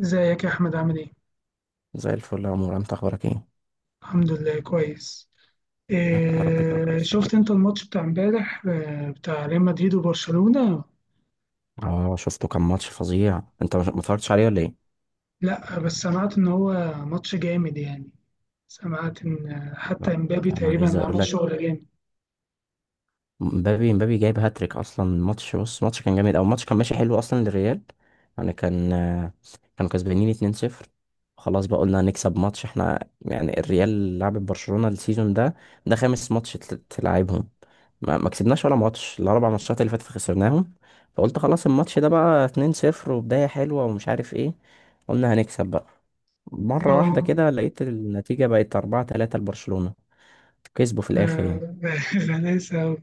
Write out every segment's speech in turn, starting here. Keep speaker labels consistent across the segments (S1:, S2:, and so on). S1: ازيك يا احمد عامل ايه.
S2: زي الفل يا عمر، انت اخبارك ايه؟
S1: الحمد لله كويس.
S2: يا رب تبقى
S1: إيه شفت
S2: بخير.
S1: انت الماتش بتاع امبارح بتاع ريال مدريد وبرشلونة؟
S2: اه شفته، كان ماتش فظيع. انت ما اتفرجتش عليه ولا ايه؟
S1: لا بس سمعت ان هو ماتش جامد يعني. سمعت ان حتى
S2: لا،
S1: امبابي
S2: انا عايز
S1: تقريبا
S2: اقول
S1: عمل
S2: لك،
S1: شغل جامد.
S2: مبابي جايب هاتريك اصلا. الماتش كان جامد، او الماتش كان ماشي حلو اصلا للريال. يعني كانوا كسبانين 2-0، خلاص بقى قلنا هنكسب ماتش احنا، يعني الريال لعبت برشلونة السيزون ده، ده خامس ماتش تلعبهم. ما كسبناش ولا ماتش، الاربع ماتشات اللي فاتت خسرناهم. فقلت خلاص الماتش ده بقى 2-0 وبداية حلوة ومش عارف ايه، قلنا هنكسب بقى. مرة واحدة
S1: اه
S2: كده لقيت النتيجة بقت 4-3 لبرشلونة، كسبوا في الاخر يعني.
S1: ده غلاسة أوي.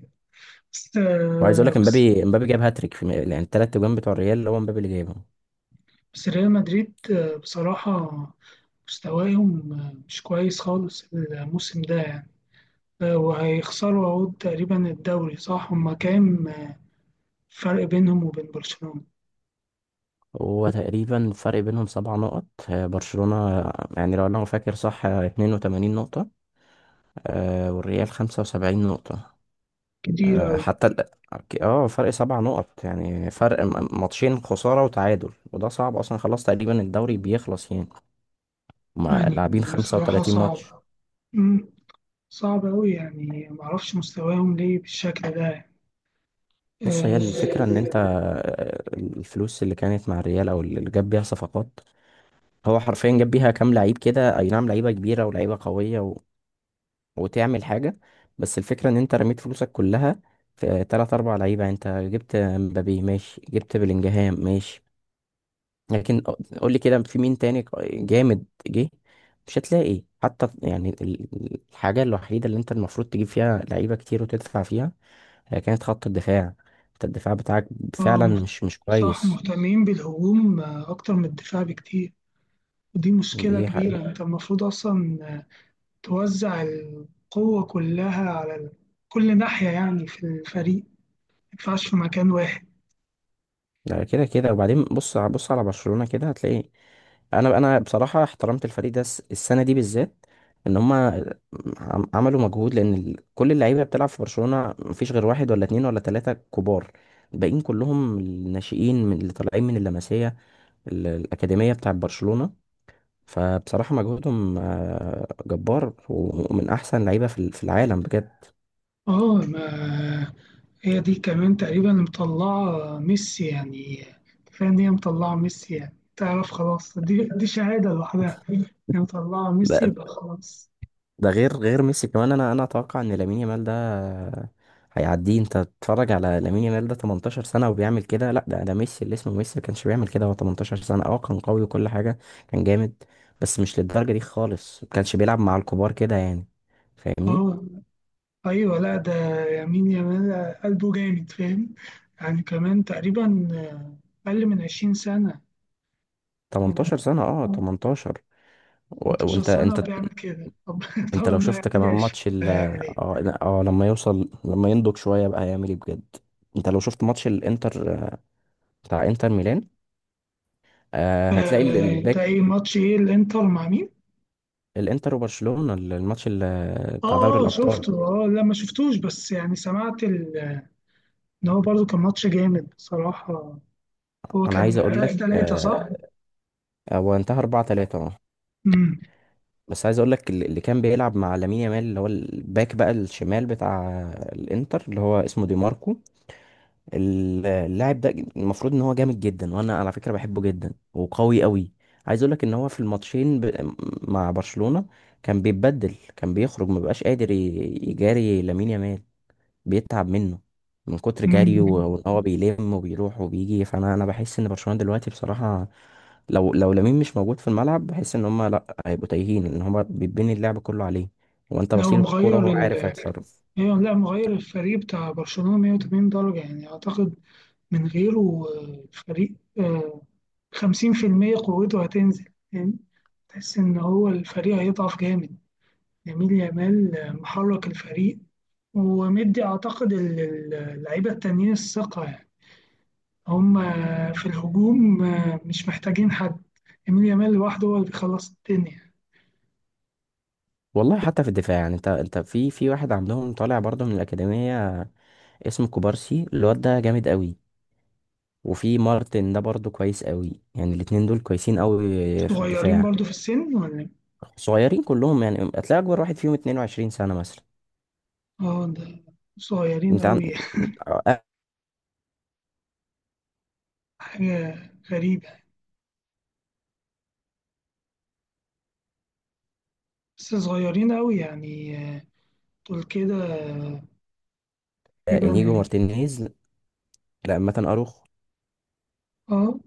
S1: بس
S2: وعايز اقول
S1: آه،
S2: لك،
S1: بس
S2: امبابي جاب هاتريك في يعني الثلاث اجوان بتوع الريال، هو امبابي اللي جايبهم.
S1: بس ريال مدريد بصراحة مستواهم مش كويس خالص الموسم ده يعني. وهيخسروا اهو تقريبا الدوري صح؟ هما كام فرق بينهم وبين برشلونة؟
S2: هو تقريبا الفرق بينهم سبع نقط، برشلونة يعني لو انا فاكر صح 82 نقطة، والريال 75 نقطة.
S1: كتير
S2: آه،
S1: أوي
S2: حتى ال- اه فرق سبع نقط، يعني فرق ماتشين، خسارة وتعادل، وده صعب اصلا، خلاص تقريبا الدوري بيخلص يعني، هما
S1: يعني.
S2: لاعبين
S1: بصراحة
S2: 35 ماتش.
S1: صعب. مم. صعب أوي يعني معرفش مستواهم ليه بالشكل ده يعني.
S2: بص، هي
S1: آه.
S2: الفكرة ان انت الفلوس اللي كانت مع الريال او اللي جاب بيها صفقات، هو حرفيا جاب بيها كام لعيب كده، اي نعم لعيبه كبيره ولعيبه قويه وتعمل حاجه، بس الفكره ان انت رميت فلوسك كلها في تلات اربع لعيبه، انت جبت مبابي ماشي، جبت بلينجهام ماشي، لكن قول لي كده في مين تاني جامد جه؟ مش هتلاقي، حتى يعني الحاجه الوحيده اللي انت المفروض تجيب فيها لعيبه كتير وتدفع فيها هي كانت خط الدفاع. انت الدفاع بتاعك
S1: آه،
S2: فعلا
S1: مهت...
S2: مش
S1: صح،
S2: كويس.
S1: مهتمين بالهجوم أكتر من الدفاع بكتير. ودي مشكلة
S2: دي حقيقة.
S1: كبيرة. أنت المفروض أصلا توزع القوة كلها على كل ناحية يعني في الفريق، ما ينفعش في مكان واحد.
S2: ده كده كده. وبعدين بص على برشلونة كده هتلاقي، انا بصراحة احترمت الفريق ده السنة دي بالذات، ان هم عملوا مجهود، لان كل اللعيبة بتلعب في برشلونة مفيش غير واحد ولا اتنين ولا تلاتة كبار، الباقيين كلهم الناشئين، من اللي طالعين من اللمسية، الأكاديمية بتاعة برشلونة. فبصراحة مجهودهم جبار، ومن احسن لعيبة في في العالم بجد.
S1: اه ما هي دي كمان تقريبا مطلعة ميسي يعني. كفاية إن هي مطلعة ميسي يعني، تعرف خلاص، دي شهادة لوحدها. هي مطلعة ميسي يبقى خلاص.
S2: ده غير ميسي كمان، انا اتوقع ان لامين يامال ده هيعديه. انت تتفرج على لامين يامال ده، 18 سنه وبيعمل كده؟ لا، ده ميسي، اللي اسمه ميسي ما كانش بيعمل كده هو 18 سنه. اه كان قوي وكل حاجه، كان جامد، بس مش للدرجه دي خالص، ما كانش بيلعب مع الكبار كده يعني، فاهمني؟
S1: اه أيوة لأ ده يمين يامال قلبه جامد، فاهم؟ يعني كمان تقريبا أقل من عشرين سنة يعني.
S2: 18 سنه، اه، 18. و-
S1: 18
S2: وانت
S1: سنة
S2: انت
S1: وبيعمل كده، طب طب
S2: انت لو
S1: ما
S2: شفت
S1: يعدي
S2: كمان
S1: 20
S2: ماتش ال-
S1: هيعمل إيه؟
S2: اه لا، اه لما يوصل، لما ينضج شويه بقى هيعمل ايه بجد. انت لو شفت ماتش الانتر، بتاع انتر ميلان، آه هتلاقي
S1: أنت
S2: الباك
S1: إيه؟ ماتش إيه الإنتر مع مين؟
S2: الانتر وبرشلونة، الماتش بتاع دوري
S1: اه اه
S2: الابطال.
S1: شفته، اه لا ما شفتوش، بس يعني سمعت إن هو برضه كان ماتش جامد بصراحة. هو
S2: انا
S1: كان
S2: عايز اقول لك
S1: تلاتة تلاتة صح؟
S2: هو انتهى 4-3، اه.
S1: امم.
S2: بس عايز اقول لك، اللي كان بيلعب مع لامين يامال، اللي هو الباك بقى الشمال بتاع الانتر، اللي هو اسمه دي ماركو، اللاعب ده، المفروض ان هو جامد جدا، وانا على فكرة بحبه جدا وقوي قوي. عايز اقول لك ان هو في الماتشين مع برشلونة، كان بيتبدل، كان بيخرج، مبقاش قادر يجاري لامين يامال، بيتعب منه من كتر جري،
S1: امم.
S2: وان هو بيلم وبيروح وبيجي. فانا بحس ان برشلونة دلوقتي بصراحة، لو لامين مش موجود في الملعب، بحس ان هم لا، هيبقوا تايهين، لان هم بيتبني اللعب كله عليه، هو انت
S1: لو
S2: بصيل الكوره
S1: مغير
S2: وهو
S1: ال
S2: عارف هيتصرف.
S1: إيه، لا مغير الفريق بتاع برشلونة 180 درجة يعني أعتقد، من غيره. الفريق 50% قوته هتنزل يعني. تحس إن هو الفريق هيضعف جامد. يميل يامال محرك الفريق، ومدي أعتقد اللعيبة التانيين الثقة. هم في الهجوم مش محتاجين حد. يمين يامال لوحده هو اللي بيخلص الدنيا.
S2: والله حتى في الدفاع، يعني انت في واحد عندهم طالع برضه من الاكاديميه اسمه كوبارسي، الواد ده جامد قوي، وفي مارتن ده برضه كويس قوي، يعني الاتنين دول كويسين قوي في
S1: صغيرين
S2: الدفاع.
S1: برضو في السن ولا إيه؟
S2: صغيرين كلهم، يعني هتلاقي اكبر واحد فيهم 22 سنه مثلا.
S1: اه ده صغيرين
S2: انت عن...
S1: قوي.
S2: آه،
S1: حاجة غريبة. بس صغيرين قوي يعني. دول كده
S2: انيجو
S1: تقريبا.
S2: مارتينيز، لا مثلا اروخ،
S1: اه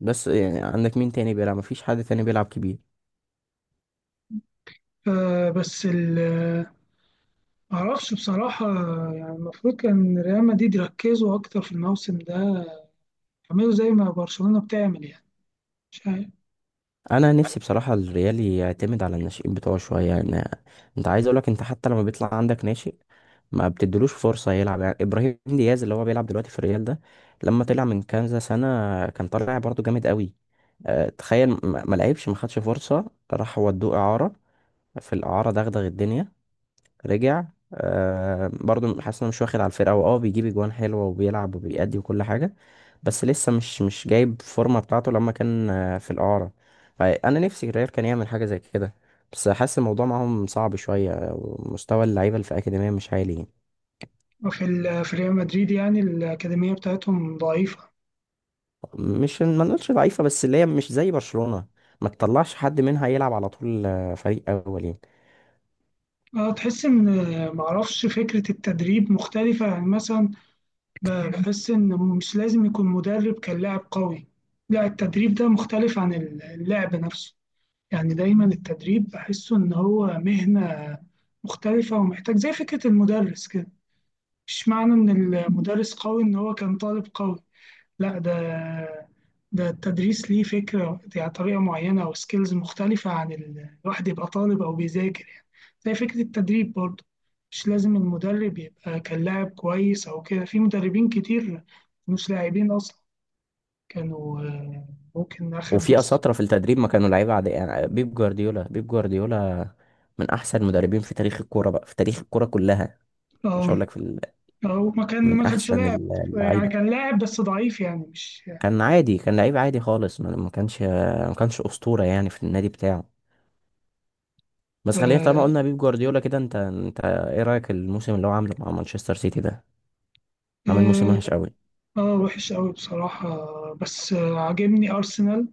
S2: بس يعني عندك مين تاني بيلعب؟ مفيش حد تاني بيلعب كبير.
S1: آه، بس ال معرفش بصراحة يعني. المفروض كان ريال مدريد يركزوا أكتر في الموسم ده، يعملوا زي ما برشلونة بتعمل يعني. مش عارف.
S2: انا نفسي بصراحه الريال يعتمد على الناشئين بتوعه شويه يعني، انت عايز اقولك، انت حتى لما بيطلع عندك ناشئ ما بتدلوش فرصه يلعب، يعني ابراهيم دياز اللي هو بيلعب دلوقتي في الريال ده، لما طلع من كنزة سنه كان طالع برضه جامد قوي، تخيل ما لعبش، ما خدش فرصه، راح ودوه اعاره. في الاعاره دغدغ الدنيا، رجع، آه برضو حاسس انه مش واخد على الفرقه، هو اه بيجيب اجوان حلوه وبيلعب وبيأدي وكل حاجه، بس لسه مش جايب فورمه بتاعته لما كان في الاعاره. فانا نفسي الريال كان يعمل حاجه زي كده، بس حاسس الموضوع معاهم صعب شويه، ومستوى اللعيبه اللي في الاكاديميه مش عالي يعني.
S1: وفي في ريال مدريد يعني الأكاديمية بتاعتهم ضعيفة.
S2: مش ما نقولش ضعيفه، بس اللي هي مش زي برشلونه، ما تطلعش حد منها يلعب على طول فريق اول يعني.
S1: اه، تحس ان معرفش، فكرة التدريب مختلفة يعني. مثلا بحس ان مش لازم يكون مدرب كان لاعب قوي. لا، التدريب ده مختلف عن اللعب نفسه يعني. دايما التدريب بحسه ان هو مهنة مختلفة، ومحتاج زي فكرة المدرس كده. مش معنى ان المدرس قوي ان هو كان طالب قوي. لا، ده التدريس ليه فكرة يعني، طريقة معينة أو سكيلز مختلفة عن الواحد يبقى طالب أو بيذاكر يعني. زي فكرة التدريب برضه، مش لازم المدرب يبقى كان لاعب كويس أو كده. في مدربين كتير مش لاعبين أصلا، كانوا ممكن أخد
S2: وفي
S1: بس.
S2: اساطره في التدريب ما كانوا لعيبه عاديه، يعني بيب جوارديولا، من احسن المدربين في تاريخ الكوره بقى، في تاريخ الكوره كلها. مش
S1: اه،
S2: هقول لك في ال...
S1: أو
S2: من
S1: ما كانش
S2: احسن
S1: لاعب يعني.
S2: اللعيبه،
S1: كان لاعب بس ضعيف يعني، مش
S2: كان عادي، كان لعيب عادي خالص، ما كانش اسطوره يعني في النادي بتاعه. بس خلينا طالما
S1: اه.
S2: قلنا بيب جوارديولا كده، انت ايه رايك الموسم اللي هو عامله مع مانشستر سيتي ده؟ عامل موسم
S1: آه،
S2: وحش قوي.
S1: وحش قوي بصراحة. بس عاجبني أرسنال،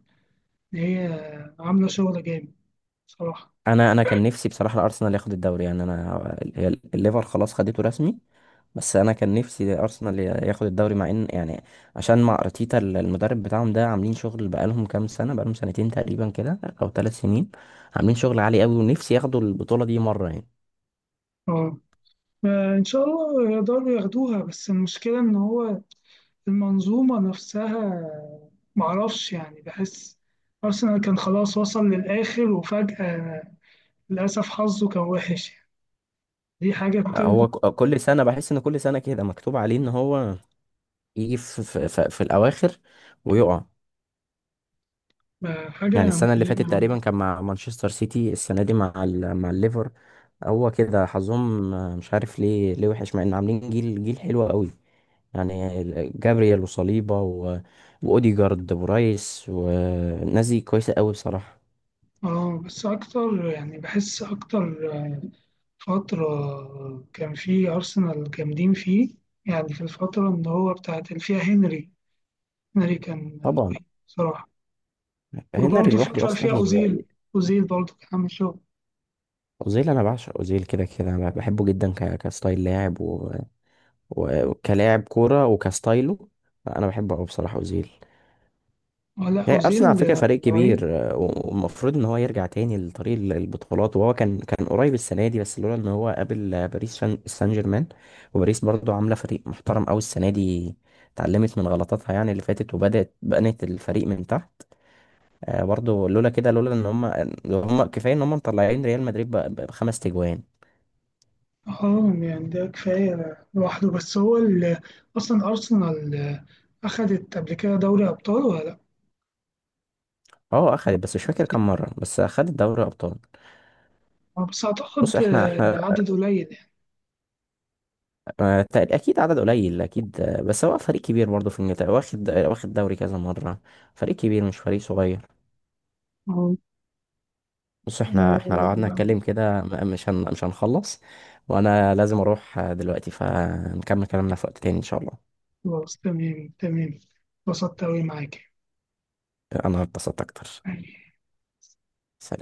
S1: إن هي عاملة شغل جامد صراحة.
S2: انا كان نفسي بصراحه الارسنال ياخد الدوري، يعني انا، هي الليفر خلاص خدته رسمي، بس انا كان نفسي ارسنال ياخد الدوري، مع ان يعني، عشان مع ارتيتا المدرب بتاعهم ده، عاملين شغل بقالهم كام سنه، بقالهم سنتين تقريبا كده او ثلاث سنين، عاملين شغل عالي قوي، ونفسي ياخدوا البطوله دي مره يعني.
S1: اه، إن شاء الله يقدروا ياخدوها، بس المشكلة إن هو المنظومة نفسها، معرفش يعني. بحس أرسنال كان خلاص وصل للآخر وفجأة، للأسف حظه كان وحش يعني. دي حاجة بتوجع.
S2: هو كل سنه بحس ان كل سنه كده مكتوب عليه ان هو يجي في الاواخر ويقع. يعني
S1: حاجة
S2: السنه اللي فاتت
S1: مؤلمة.
S2: تقريبا كان مع مانشستر سيتي، السنه دي مع مع الليفر. هو كده حظهم، مش عارف ليه، وحش مع ان عاملين جيل، حلو قوي، يعني جابرييل وصليبا واوديجارد ورايس والناس دي كويسه قوي بصراحه.
S1: اه بس أكتر، يعني بحس أكتر فترة كان فيه أرسنال جامدين فيه، يعني في الفترة اللي هو بتاعت اللي فيها هنري. هنري كان
S2: طبعا،
S1: رهيب بصراحة.
S2: هنري
S1: وبرضه الفترة
S2: لوحده
S1: اللي فيها
S2: اصلا
S1: أوزيل،
S2: يعني.
S1: أوزيل برضه كان عامل شغل.
S2: اوزيل، انا بعشق اوزيل كده كده، انا بحبه جدا كستايل لاعب وكلاعب كوره وكستايله، انا بحبه قوي بصراحه اوزيل.
S1: لا
S2: يعني ارسنال على
S1: أوزيل
S2: فكره فريق كبير،
S1: رهيب.
S2: والمفروض ان هو يرجع تاني لطريق البطولات، وهو كان قريب السنه دي، بس لولا ان هو قابل باريس سان جيرمان. وباريس برضو عامله فريق محترم قوي السنه دي، اتعلمت من غلطاتها يعني اللي فاتت، وبدات بنت الفريق من تحت، برضو لولا كده، لولا ان هم كفايه ان هم مطلعين ريال مدريد بخمس تجوان.
S1: اه يعني ده كفاية لوحده. بس هو أصلا أرسنال أخدت قبل كده دوري أبطال ولا لأ؟
S2: اه اخدت، بس مش فاكر كام مره، بس اخدت دوري ابطال.
S1: بس
S2: بص
S1: أعتقد
S2: احنا احنا
S1: عدد قليل يعني.
S2: اكيد عدد قليل، اكيد، بس هو فريق كبير برضه في انجلترا، واخد دوري كذا مره، فريق كبير مش فريق صغير.
S1: آه،
S2: بص احنا
S1: آه،
S2: احنا لو قعدنا نتكلم
S1: آه،
S2: كده مش هنخلص، وانا لازم اروح دلوقتي، فنكمل كلامنا في وقت تاني ان شاء الله.
S1: خلاص تمام تمام. اتبسطت أوي معاك
S2: انا اتبسطت اكتر.
S1: يعني.
S2: سلام.